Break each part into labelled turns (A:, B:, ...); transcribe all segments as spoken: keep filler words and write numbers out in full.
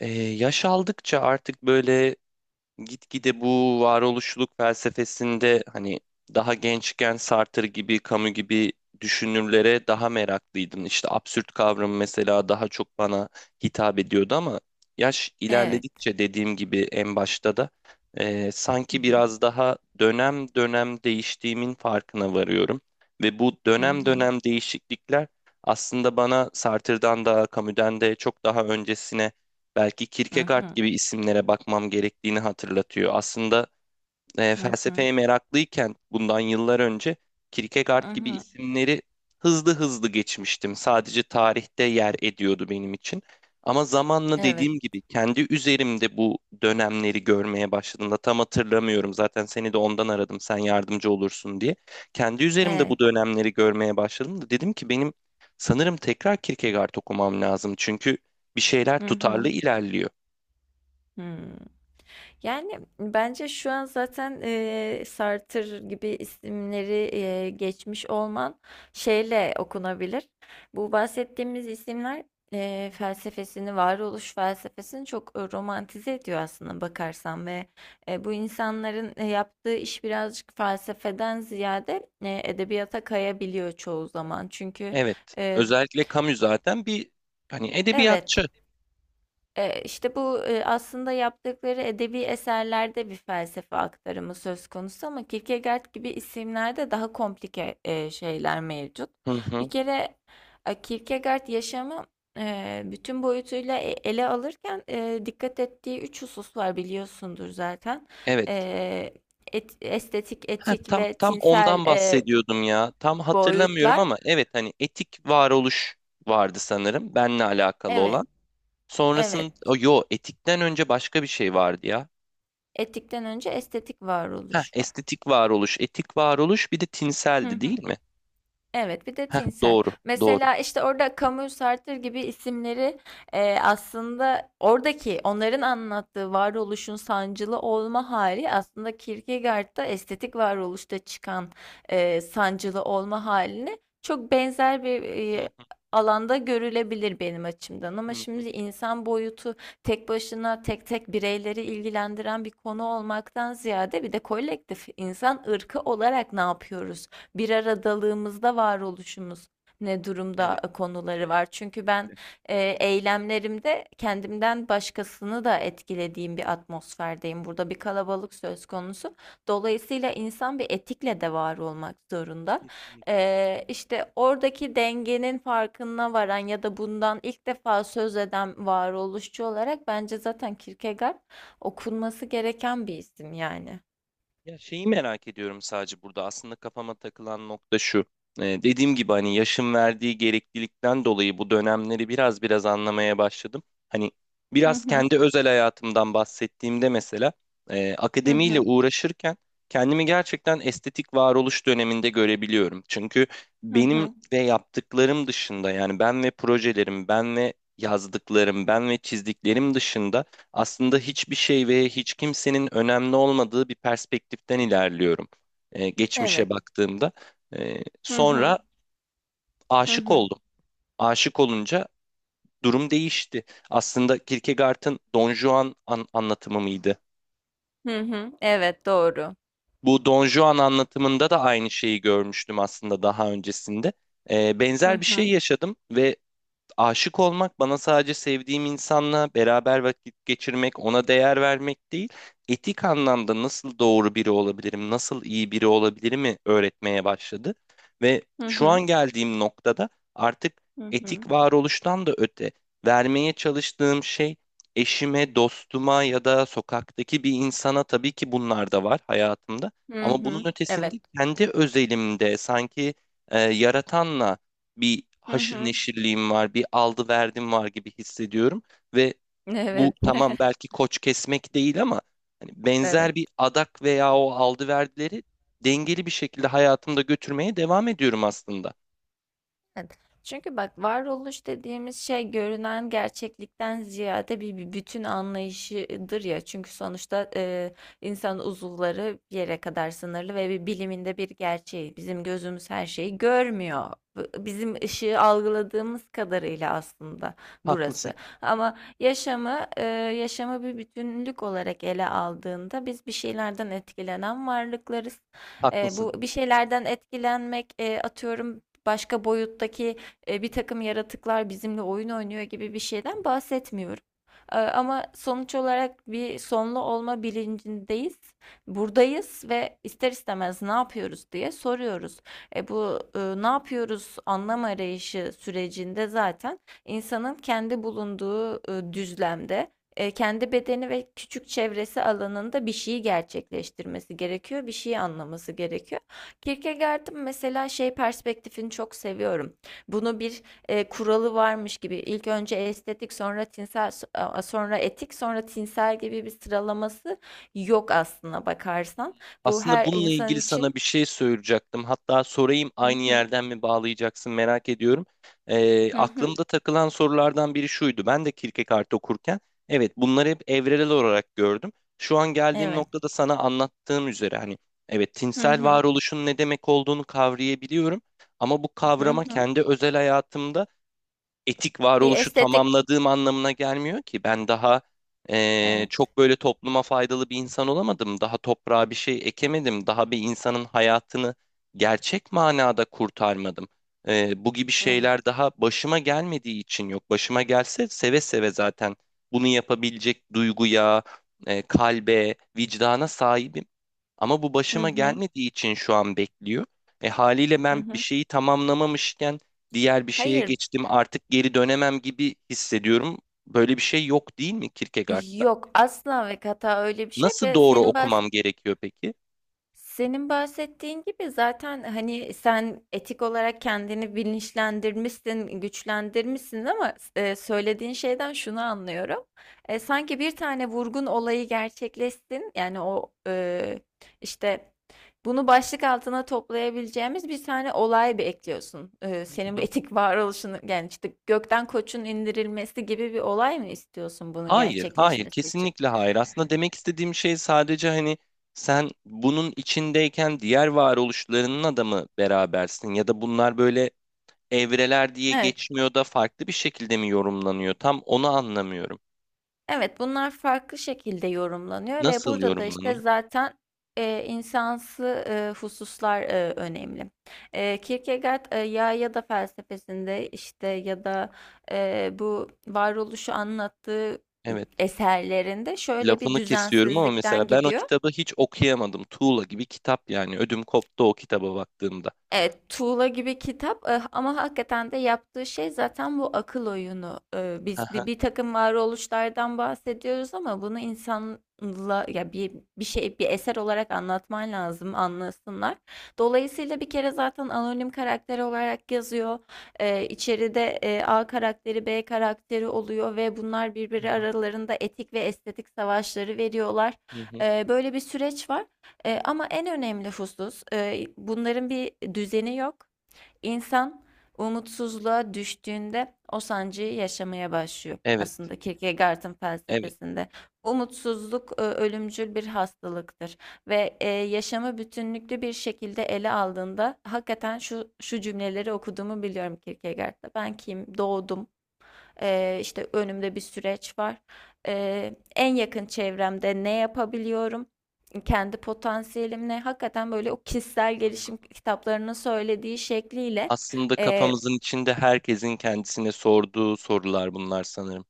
A: Ee, yaş aldıkça artık böyle gitgide bu varoluşluluk felsefesinde hani daha gençken Sartre gibi, Camus gibi düşünürlere daha meraklıydım. İşte absürt kavramı mesela daha çok bana hitap ediyordu ama yaş
B: Evet.
A: ilerledikçe dediğim gibi en başta da e,
B: Hı
A: sanki
B: hı.
A: biraz daha dönem dönem değiştiğimin farkına varıyorum. Ve bu
B: Hı
A: dönem
B: hı.
A: dönem değişiklikler aslında bana Sartre'dan da Camus'den de çok daha öncesine belki
B: Hı
A: Kierkegaard
B: hı.
A: gibi isimlere bakmam gerektiğini hatırlatıyor. Aslında e,
B: Hı hı.
A: felsefeye meraklıyken bundan yıllar önce
B: Hı
A: Kierkegaard gibi
B: hı.
A: isimleri hızlı hızlı geçmiştim. Sadece tarihte yer ediyordu benim için. Ama zamanla
B: Evet.
A: dediğim gibi kendi üzerimde bu dönemleri görmeye başladığımda tam hatırlamıyorum. Zaten seni de ondan aradım sen yardımcı olursun diye. Kendi üzerimde bu
B: Evet.
A: dönemleri görmeye başladım da dedim ki benim sanırım tekrar Kierkegaard okumam lazım. Çünkü bir şeyler
B: Hı
A: tutarlı
B: hı.
A: ilerliyor.
B: Hı. Yani bence şu an zaten eee Sartre gibi isimleri eee, geçmiş olman şeyle okunabilir. Bu bahsettiğimiz isimler eee, felsefesini, varoluş felsefesini çok e, romantize ediyor aslında bakarsan ve e, bu insanların e, yaptığı iş birazcık felsefeden ziyade e, edebiyata kayabiliyor çoğu zaman. Çünkü
A: Evet.
B: e,
A: Özellikle Camus zaten bir hani
B: evet.
A: edebiyatçı.
B: Eee, işte bu, eee, aslında yaptıkları edebi eserlerde bir felsefe aktarımı söz konusu ama Kierkegaard gibi isimlerde daha komplike, eee, şeyler mevcut.
A: Hı
B: Bir
A: hı.
B: kere, eee, Kierkegaard yaşamı, eee, bütün boyutuyla e ele alırken, eee, dikkat ettiği üç husus var biliyorsundur zaten.
A: Evet.
B: Eee, et estetik,
A: Ha,
B: etik
A: tam
B: ve
A: tam
B: tinsel,
A: ondan
B: eee,
A: bahsediyordum ya. Tam hatırlamıyorum
B: boyutlar.
A: ama evet hani etik varoluş vardı sanırım benle alakalı
B: Evet,
A: olan.
B: evet.
A: Sonrasında o, yo etikten önce başka bir şey vardı ya.
B: Etikten önce estetik
A: Ha,
B: varoluş var.
A: estetik varoluş, etik varoluş bir de
B: Hı
A: tinseldi değil
B: hı.
A: mi?
B: Evet, bir de tinsel.
A: Doğru, doğru.
B: Mesela işte orada Camus, Sartre gibi isimleri e, aslında oradaki onların anlattığı varoluşun sancılı olma hali aslında Kierkegaard'da estetik varoluşta çıkan e, sancılı olma haline çok benzer bir
A: Hı
B: e,
A: hı,
B: alanda görülebilir benim açımdan. Ama
A: hı hı.
B: şimdi insan boyutu tek başına tek tek bireyleri ilgilendiren bir konu olmaktan ziyade bir de kolektif insan ırkı olarak ne yapıyoruz? Bir aradalığımızda varoluşumuz ne durumda
A: Evet,
B: e, konuları
A: evet,
B: var. Çünkü ben
A: evet.
B: e, eylemlerimde kendimden başkasını da etkilediğim bir atmosferdeyim. Burada bir kalabalık söz konusu. Dolayısıyla insan bir etikle de var olmak zorunda.
A: Kesinlikle.
B: Eee işte oradaki dengenin farkına varan ya da bundan ilk defa söz eden varoluşçu olarak bence zaten Kierkegaard okunması gereken bir isim yani.
A: Ya şeyi merak ediyorum sadece burada. Aslında kafama takılan nokta şu. Ee, dediğim gibi hani yaşın verdiği gereklilikten dolayı bu dönemleri biraz biraz anlamaya başladım. Hani
B: Hı
A: biraz
B: hı,
A: kendi özel hayatımdan bahsettiğimde mesela e,
B: hı
A: akademiyle
B: hı,
A: uğraşırken kendimi gerçekten estetik varoluş döneminde görebiliyorum. Çünkü
B: hı
A: benim
B: hı.
A: ve yaptıklarım dışında yani ben ve projelerim, ben ve yazdıklarım, ben ve çizdiklerim dışında aslında hiçbir şey ve hiç kimsenin önemli olmadığı bir perspektiften ilerliyorum. Ee,
B: Evet.
A: geçmişe baktığımda. Ee,
B: Hı hı.
A: sonra
B: Hı
A: aşık
B: hı.
A: oldum. Aşık olunca durum değişti. Aslında Kierkegaard'ın Don Juan an- anlatımı mıydı?
B: Hı hı. Evet, doğru.
A: Bu Don Juan anlatımında da aynı şeyi görmüştüm aslında daha öncesinde. Ee,
B: Hı
A: benzer bir şey
B: hı.
A: yaşadım ve aşık olmak bana sadece sevdiğim insanla beraber vakit geçirmek, ona değer vermek değil, etik anlamda nasıl doğru biri olabilirim, nasıl iyi biri olabilirimi öğretmeye başladı. Ve
B: Hı
A: şu an
B: hı.
A: geldiğim noktada artık
B: Hı hı.
A: etik varoluştan da öte vermeye çalıştığım şey eşime, dostuma ya da sokaktaki bir insana, tabii ki bunlar da var hayatımda.
B: Hı
A: Ama
B: hı.
A: bunun ötesinde
B: Evet.
A: kendi özelimde sanki e, yaratanla bir
B: Hı
A: haşır
B: hı.
A: neşirliğim var, bir aldı verdim var gibi hissediyorum ve bu
B: Evet.
A: tamam belki koç kesmek değil ama hani
B: Evet.
A: benzer bir adak veya o aldı verdileri dengeli bir şekilde hayatımda götürmeye devam ediyorum aslında.
B: Evet. Çünkü bak varoluş dediğimiz şey görünen gerçeklikten ziyade bir, bir bütün anlayışıdır ya. Çünkü sonuçta e, insan uzuvları bir yere kadar sınırlı ve bir biliminde bir gerçeği. Bizim gözümüz her şeyi görmüyor. B- Bizim ışığı algıladığımız kadarıyla aslında
A: Haklısın,
B: burası. Ama yaşamı e, yaşamı bir bütünlük olarak ele aldığında biz bir şeylerden etkilenen varlıklarız. E,
A: haklısın.
B: bu bir şeylerden etkilenmek e, atıyorum başka boyuttaki, e, bir takım yaratıklar bizimle oyun oynuyor gibi bir şeyden bahsetmiyorum. Eee, ama sonuç olarak bir sonlu olma bilincindeyiz. Buradayız ve ister istemez ne yapıyoruz diye soruyoruz. E bu e, ne yapıyoruz anlam arayışı sürecinde zaten insanın kendi bulunduğu e, düzlemde, e, kendi bedeni ve küçük çevresi alanında bir şeyi gerçekleştirmesi gerekiyor, bir şeyi anlaması gerekiyor. Kierkegaard'ın mesela şey perspektifini çok seviyorum. Bunu bir e, kuralı varmış gibi ilk önce estetik sonra tinsel so- sonra etik sonra tinsel gibi bir sıralaması yok aslına bakarsan. Bu
A: Aslında
B: her
A: bununla
B: insan
A: ilgili sana
B: için.
A: bir şey söyleyecektim. Hatta sorayım
B: Hı
A: aynı
B: hı,
A: yerden mi bağlayacaksın merak ediyorum. Ee,
B: hı hı,
A: aklımda takılan sorulardan biri şuydu. Ben de Kierkegaard okurken evet bunları hep evrelel olarak gördüm. Şu an geldiğim
B: evet,
A: noktada sana anlattığım üzere hani evet
B: hı
A: tinsel
B: hı,
A: varoluşun ne demek olduğunu kavrayabiliyorum. Ama bu
B: hı
A: kavrama
B: hı.
A: kendi özel hayatımda etik
B: Bir
A: varoluşu
B: estetik.
A: tamamladığım anlamına gelmiyor ki. Ben daha eee,
B: Evet,
A: çok böyle topluma faydalı bir insan olamadım. Daha toprağa bir şey ekemedim. Daha bir insanın hayatını gerçek manada kurtarmadım. Eee, bu gibi
B: evet,
A: şeyler daha başıma gelmediği için yok. Başıma gelse seve seve zaten bunu yapabilecek duyguya, eee, kalbe, vicdana sahibim. Ama bu
B: hı
A: başıma
B: hı,
A: gelmediği için şu an bekliyor. E haliyle
B: hı
A: ben bir
B: hı.
A: şeyi tamamlamamışken diğer bir şeye
B: Hayır,
A: geçtim artık geri dönemem gibi hissediyorum. Böyle bir şey yok değil mi Kierkegaard'da?
B: yok asla ve kata öyle bir şey yok
A: Nasıl
B: ve
A: doğru
B: senin
A: okumam
B: bahsettiğin
A: gerekiyor peki?
B: Senin bahsettiğin gibi zaten hani sen etik olarak kendini bilinçlendirmişsin, güçlendirmişsin ama e, söylediğin şeyden şunu anlıyorum. E, sanki bir tane vurgun olayı gerçekleşsin. Yani o e, işte bunu başlık altına toplayabileceğimiz bir tane olay bir ekliyorsun. E,
A: Hı
B: senin bu
A: hı.
B: etik varoluşunu yani işte gökten koçun indirilmesi gibi bir olay mı istiyorsun bunun
A: Hayır, hayır,
B: gerçekleşmesi için?
A: kesinlikle hayır. Aslında demek istediğim şey sadece hani sen bunun içindeyken diğer varoluşlarının da mı berabersin ya da bunlar böyle evreler diye
B: Evet.
A: geçmiyor da farklı bir şekilde mi yorumlanıyor? Tam onu anlamıyorum.
B: Evet, bunlar farklı şekilde yorumlanıyor ve
A: Nasıl
B: burada da işte
A: yorumlanıyor?
B: zaten e, insansı e, hususlar e, önemli. E, Kierkegaard e, ya ya da felsefesinde işte ya da e, bu varoluşu anlattığı
A: Evet.
B: eserlerinde şöyle bir
A: Lafını kesiyorum ama
B: düzensizlikten
A: mesela ben o
B: gidiyor.
A: kitabı hiç okuyamadım. Tuğla gibi kitap yani. Ödüm koptu o kitaba baktığımda.
B: Evet, tuğla gibi kitap eh, ama hakikaten de yaptığı şey zaten bu akıl oyunu. Eh, biz bir,
A: Aha.
B: bir takım varoluşlardan bahsediyoruz ama bunu insanla ya bir bir şey bir eser olarak anlatman lazım anlasınlar. Dolayısıyla bir kere zaten anonim karakter olarak yazıyor. Eh, içeride eh, A karakteri, B karakteri oluyor ve bunlar
A: Hı
B: birbiri
A: hı,
B: aralarında etik ve estetik savaşları veriyorlar.
A: hı hı.
B: Eh, böyle bir süreç var. Eee, ama en önemli husus, eee, bunların bir düzeni yok. İnsan umutsuzluğa düştüğünde o sancıyı yaşamaya başlıyor.
A: Evet.
B: Aslında Kierkegaard'ın
A: Evet.
B: felsefesinde umutsuzluk e, ölümcül bir hastalıktır ve e, yaşamı bütünlüklü bir şekilde ele aldığında hakikaten şu şu cümleleri okuduğumu biliyorum Kierkegaard'da. Ben kim? Doğdum. Ee, işte önümde bir süreç var. Ee, en yakın çevremde ne yapabiliyorum? Kendi potansiyelimle hakikaten böyle o kişisel
A: Hı.
B: gelişim kitaplarının söylediği şekliyle
A: Aslında
B: e,
A: kafamızın içinde herkesin kendisine sorduğu sorular bunlar sanırım.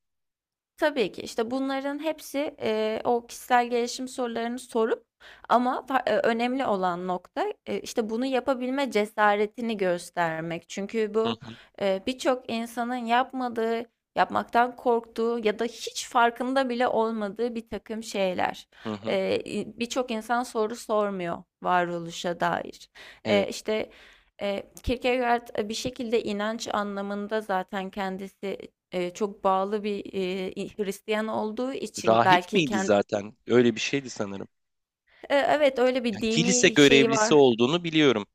B: tabii ki. İşte bunların hepsi, eee, o kişisel gelişim sorularını sorup ama fa eee, önemli olan nokta, eee, işte, bunu yapabilme cesaretini göstermek. Çünkü
A: Hı
B: bu,
A: hı,
B: eee, birçok insanın yapmadığı, yapmaktan korktuğu ya da hiç farkında bile olmadığı bir takım şeyler.
A: hı hı.
B: Eee, i Birçok insan soru sormuyor varoluşa dair. Eee,
A: Evet.
B: işte, eee, Kierkegaard, eee, bir şekilde inanç anlamında zaten kendisi Eee, çok bağlı bir, eee, Hristiyan olduğu için
A: Rahip
B: belki
A: miydi
B: kendi
A: zaten? Öyle bir şeydi sanırım.
B: evet, öyle
A: Ya,
B: bir
A: kilise
B: dini şeyi
A: görevlisi
B: var.
A: olduğunu biliyorum.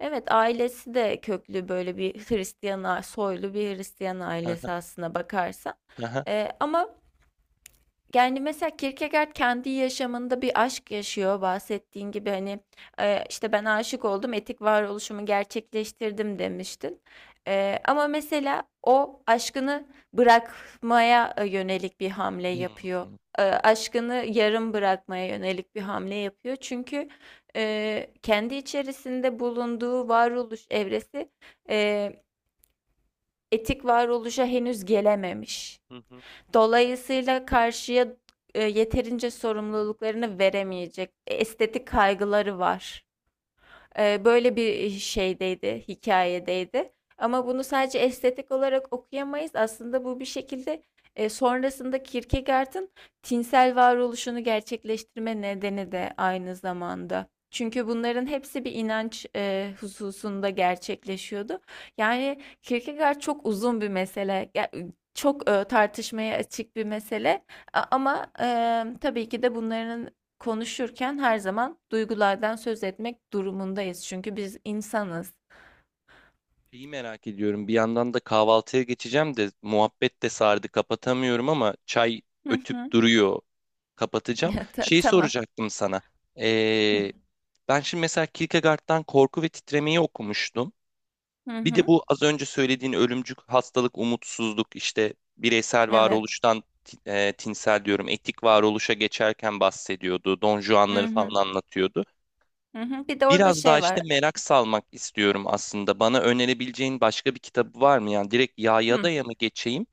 B: Evet, ailesi de köklü böyle bir Hristiyan a soylu bir Hristiyan
A: Hı hı,
B: ailesi aslına bakarsan.
A: hı hı.
B: Eee, ama Yani mesela Kierkegaard kendi yaşamında bir aşk yaşıyor bahsettiğin gibi hani e, işte ben aşık oldum etik varoluşumu gerçekleştirdim demiştin. E, ama mesela o aşkını bırakmaya e, yönelik bir hamle
A: Hı
B: yapıyor.
A: hı,
B: E, aşkını yarım bırakmaya yönelik bir hamle yapıyor. Çünkü e, kendi içerisinde bulunduğu varoluş evresi e, etik varoluşa henüz gelememiş.
A: hı hı.
B: Dolayısıyla karşıya e, yeterince sorumluluklarını veremeyecek e, estetik kaygıları var. Eee, böyle bir şeydeydi, hikayedeydi. Ama bunu sadece estetik olarak okuyamayız. Aslında bu bir şekilde, eee, sonrasında Kierkegaard'ın tinsel varoluşunu gerçekleştirme nedeni de aynı zamanda. Çünkü bunların hepsi bir inanç, eee, hususunda gerçekleşiyordu. Yani Kierkegaard çok uzun bir mesele. Ya, çok, eee, tartışmaya açık bir mesele a ama, emm, tabii ki de bunların, konuşurken her zaman duygulardan söz etmek durumundayız. Çünkü biz insanız.
A: Şeyi merak ediyorum. Bir yandan da kahvaltıya geçeceğim de muhabbet de sardı. Kapatamıyorum ama çay
B: Hı hı.
A: ötüp duruyor. Kapatacağım.
B: Ta-
A: Şeyi
B: Tamam.
A: soracaktım sana.
B: Hı,
A: Ee, Ben şimdi mesela Kierkegaard'dan Korku ve Titremeyi okumuştum.
B: hı
A: Bir de
B: hı.
A: bu az önce söylediğin ölümcül hastalık, umutsuzluk, işte bireysel
B: Evet.
A: varoluştan ti- e, tinsel diyorum, etik varoluşa geçerken bahsediyordu. Don
B: Hı
A: Juan'ları
B: hı.
A: falan anlatıyordu.
B: Hı hı. Bir de orada
A: Biraz daha
B: şey
A: işte
B: var.
A: merak salmak istiyorum aslında. Bana önerebileceğin başka bir kitabı var mı? Yani direkt Ya'ya
B: Hı.
A: da ya mı geçeyim?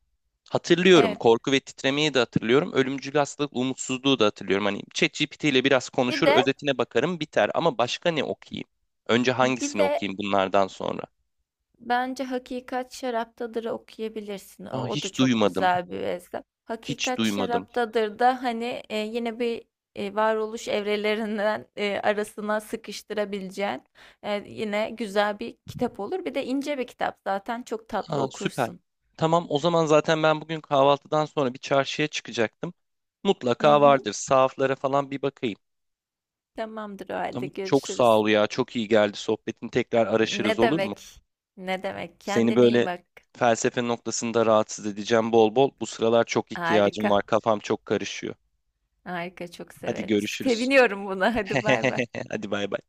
A: Hatırlıyorum.
B: Evet.
A: Korku ve Titremeyi de hatırlıyorum. Ölümcül Hastalık, Umutsuzluğu da hatırlıyorum. Hani çet cipiti ile biraz
B: Bir
A: konuşur,
B: de
A: özetine bakarım, biter. Ama başka ne okuyayım? Önce
B: bir
A: hangisini
B: de
A: okuyayım bunlardan sonra?
B: Bence Hakikat Şaraptadır'ı okuyabilirsin. O,
A: Aa,
B: o da
A: hiç
B: çok
A: duymadım.
B: güzel bir eser.
A: Hiç
B: Hakikat
A: duymadım.
B: Şaraptadır da hani e, yine bir e, varoluş evrelerinden e, arasına sıkıştırabileceğin e, yine güzel bir kitap olur. Bir de ince bir kitap zaten çok tatlı
A: Ha, süper.
B: okursun.
A: Tamam, o zaman zaten ben bugün kahvaltıdan sonra bir çarşıya çıkacaktım.
B: Hı
A: Mutlaka
B: hı.
A: vardır. Sahaflara falan bir bakayım.
B: Tamamdır o halde
A: Tamam. Çok sağ
B: görüşürüz.
A: ol ya. Çok iyi geldi sohbetin. Tekrar araşırız
B: Ne
A: olur mu?
B: demek? Ne demek?
A: Seni
B: Kendine iyi
A: böyle
B: bak.
A: felsefe noktasında rahatsız edeceğim bol bol. Bu sıralar çok ihtiyacım
B: Harika.
A: var. Kafam çok karışıyor.
B: Harika çok
A: Hadi
B: severim.
A: görüşürüz.
B: Seviniyorum buna. Hadi bay bay.
A: Hadi bay bay.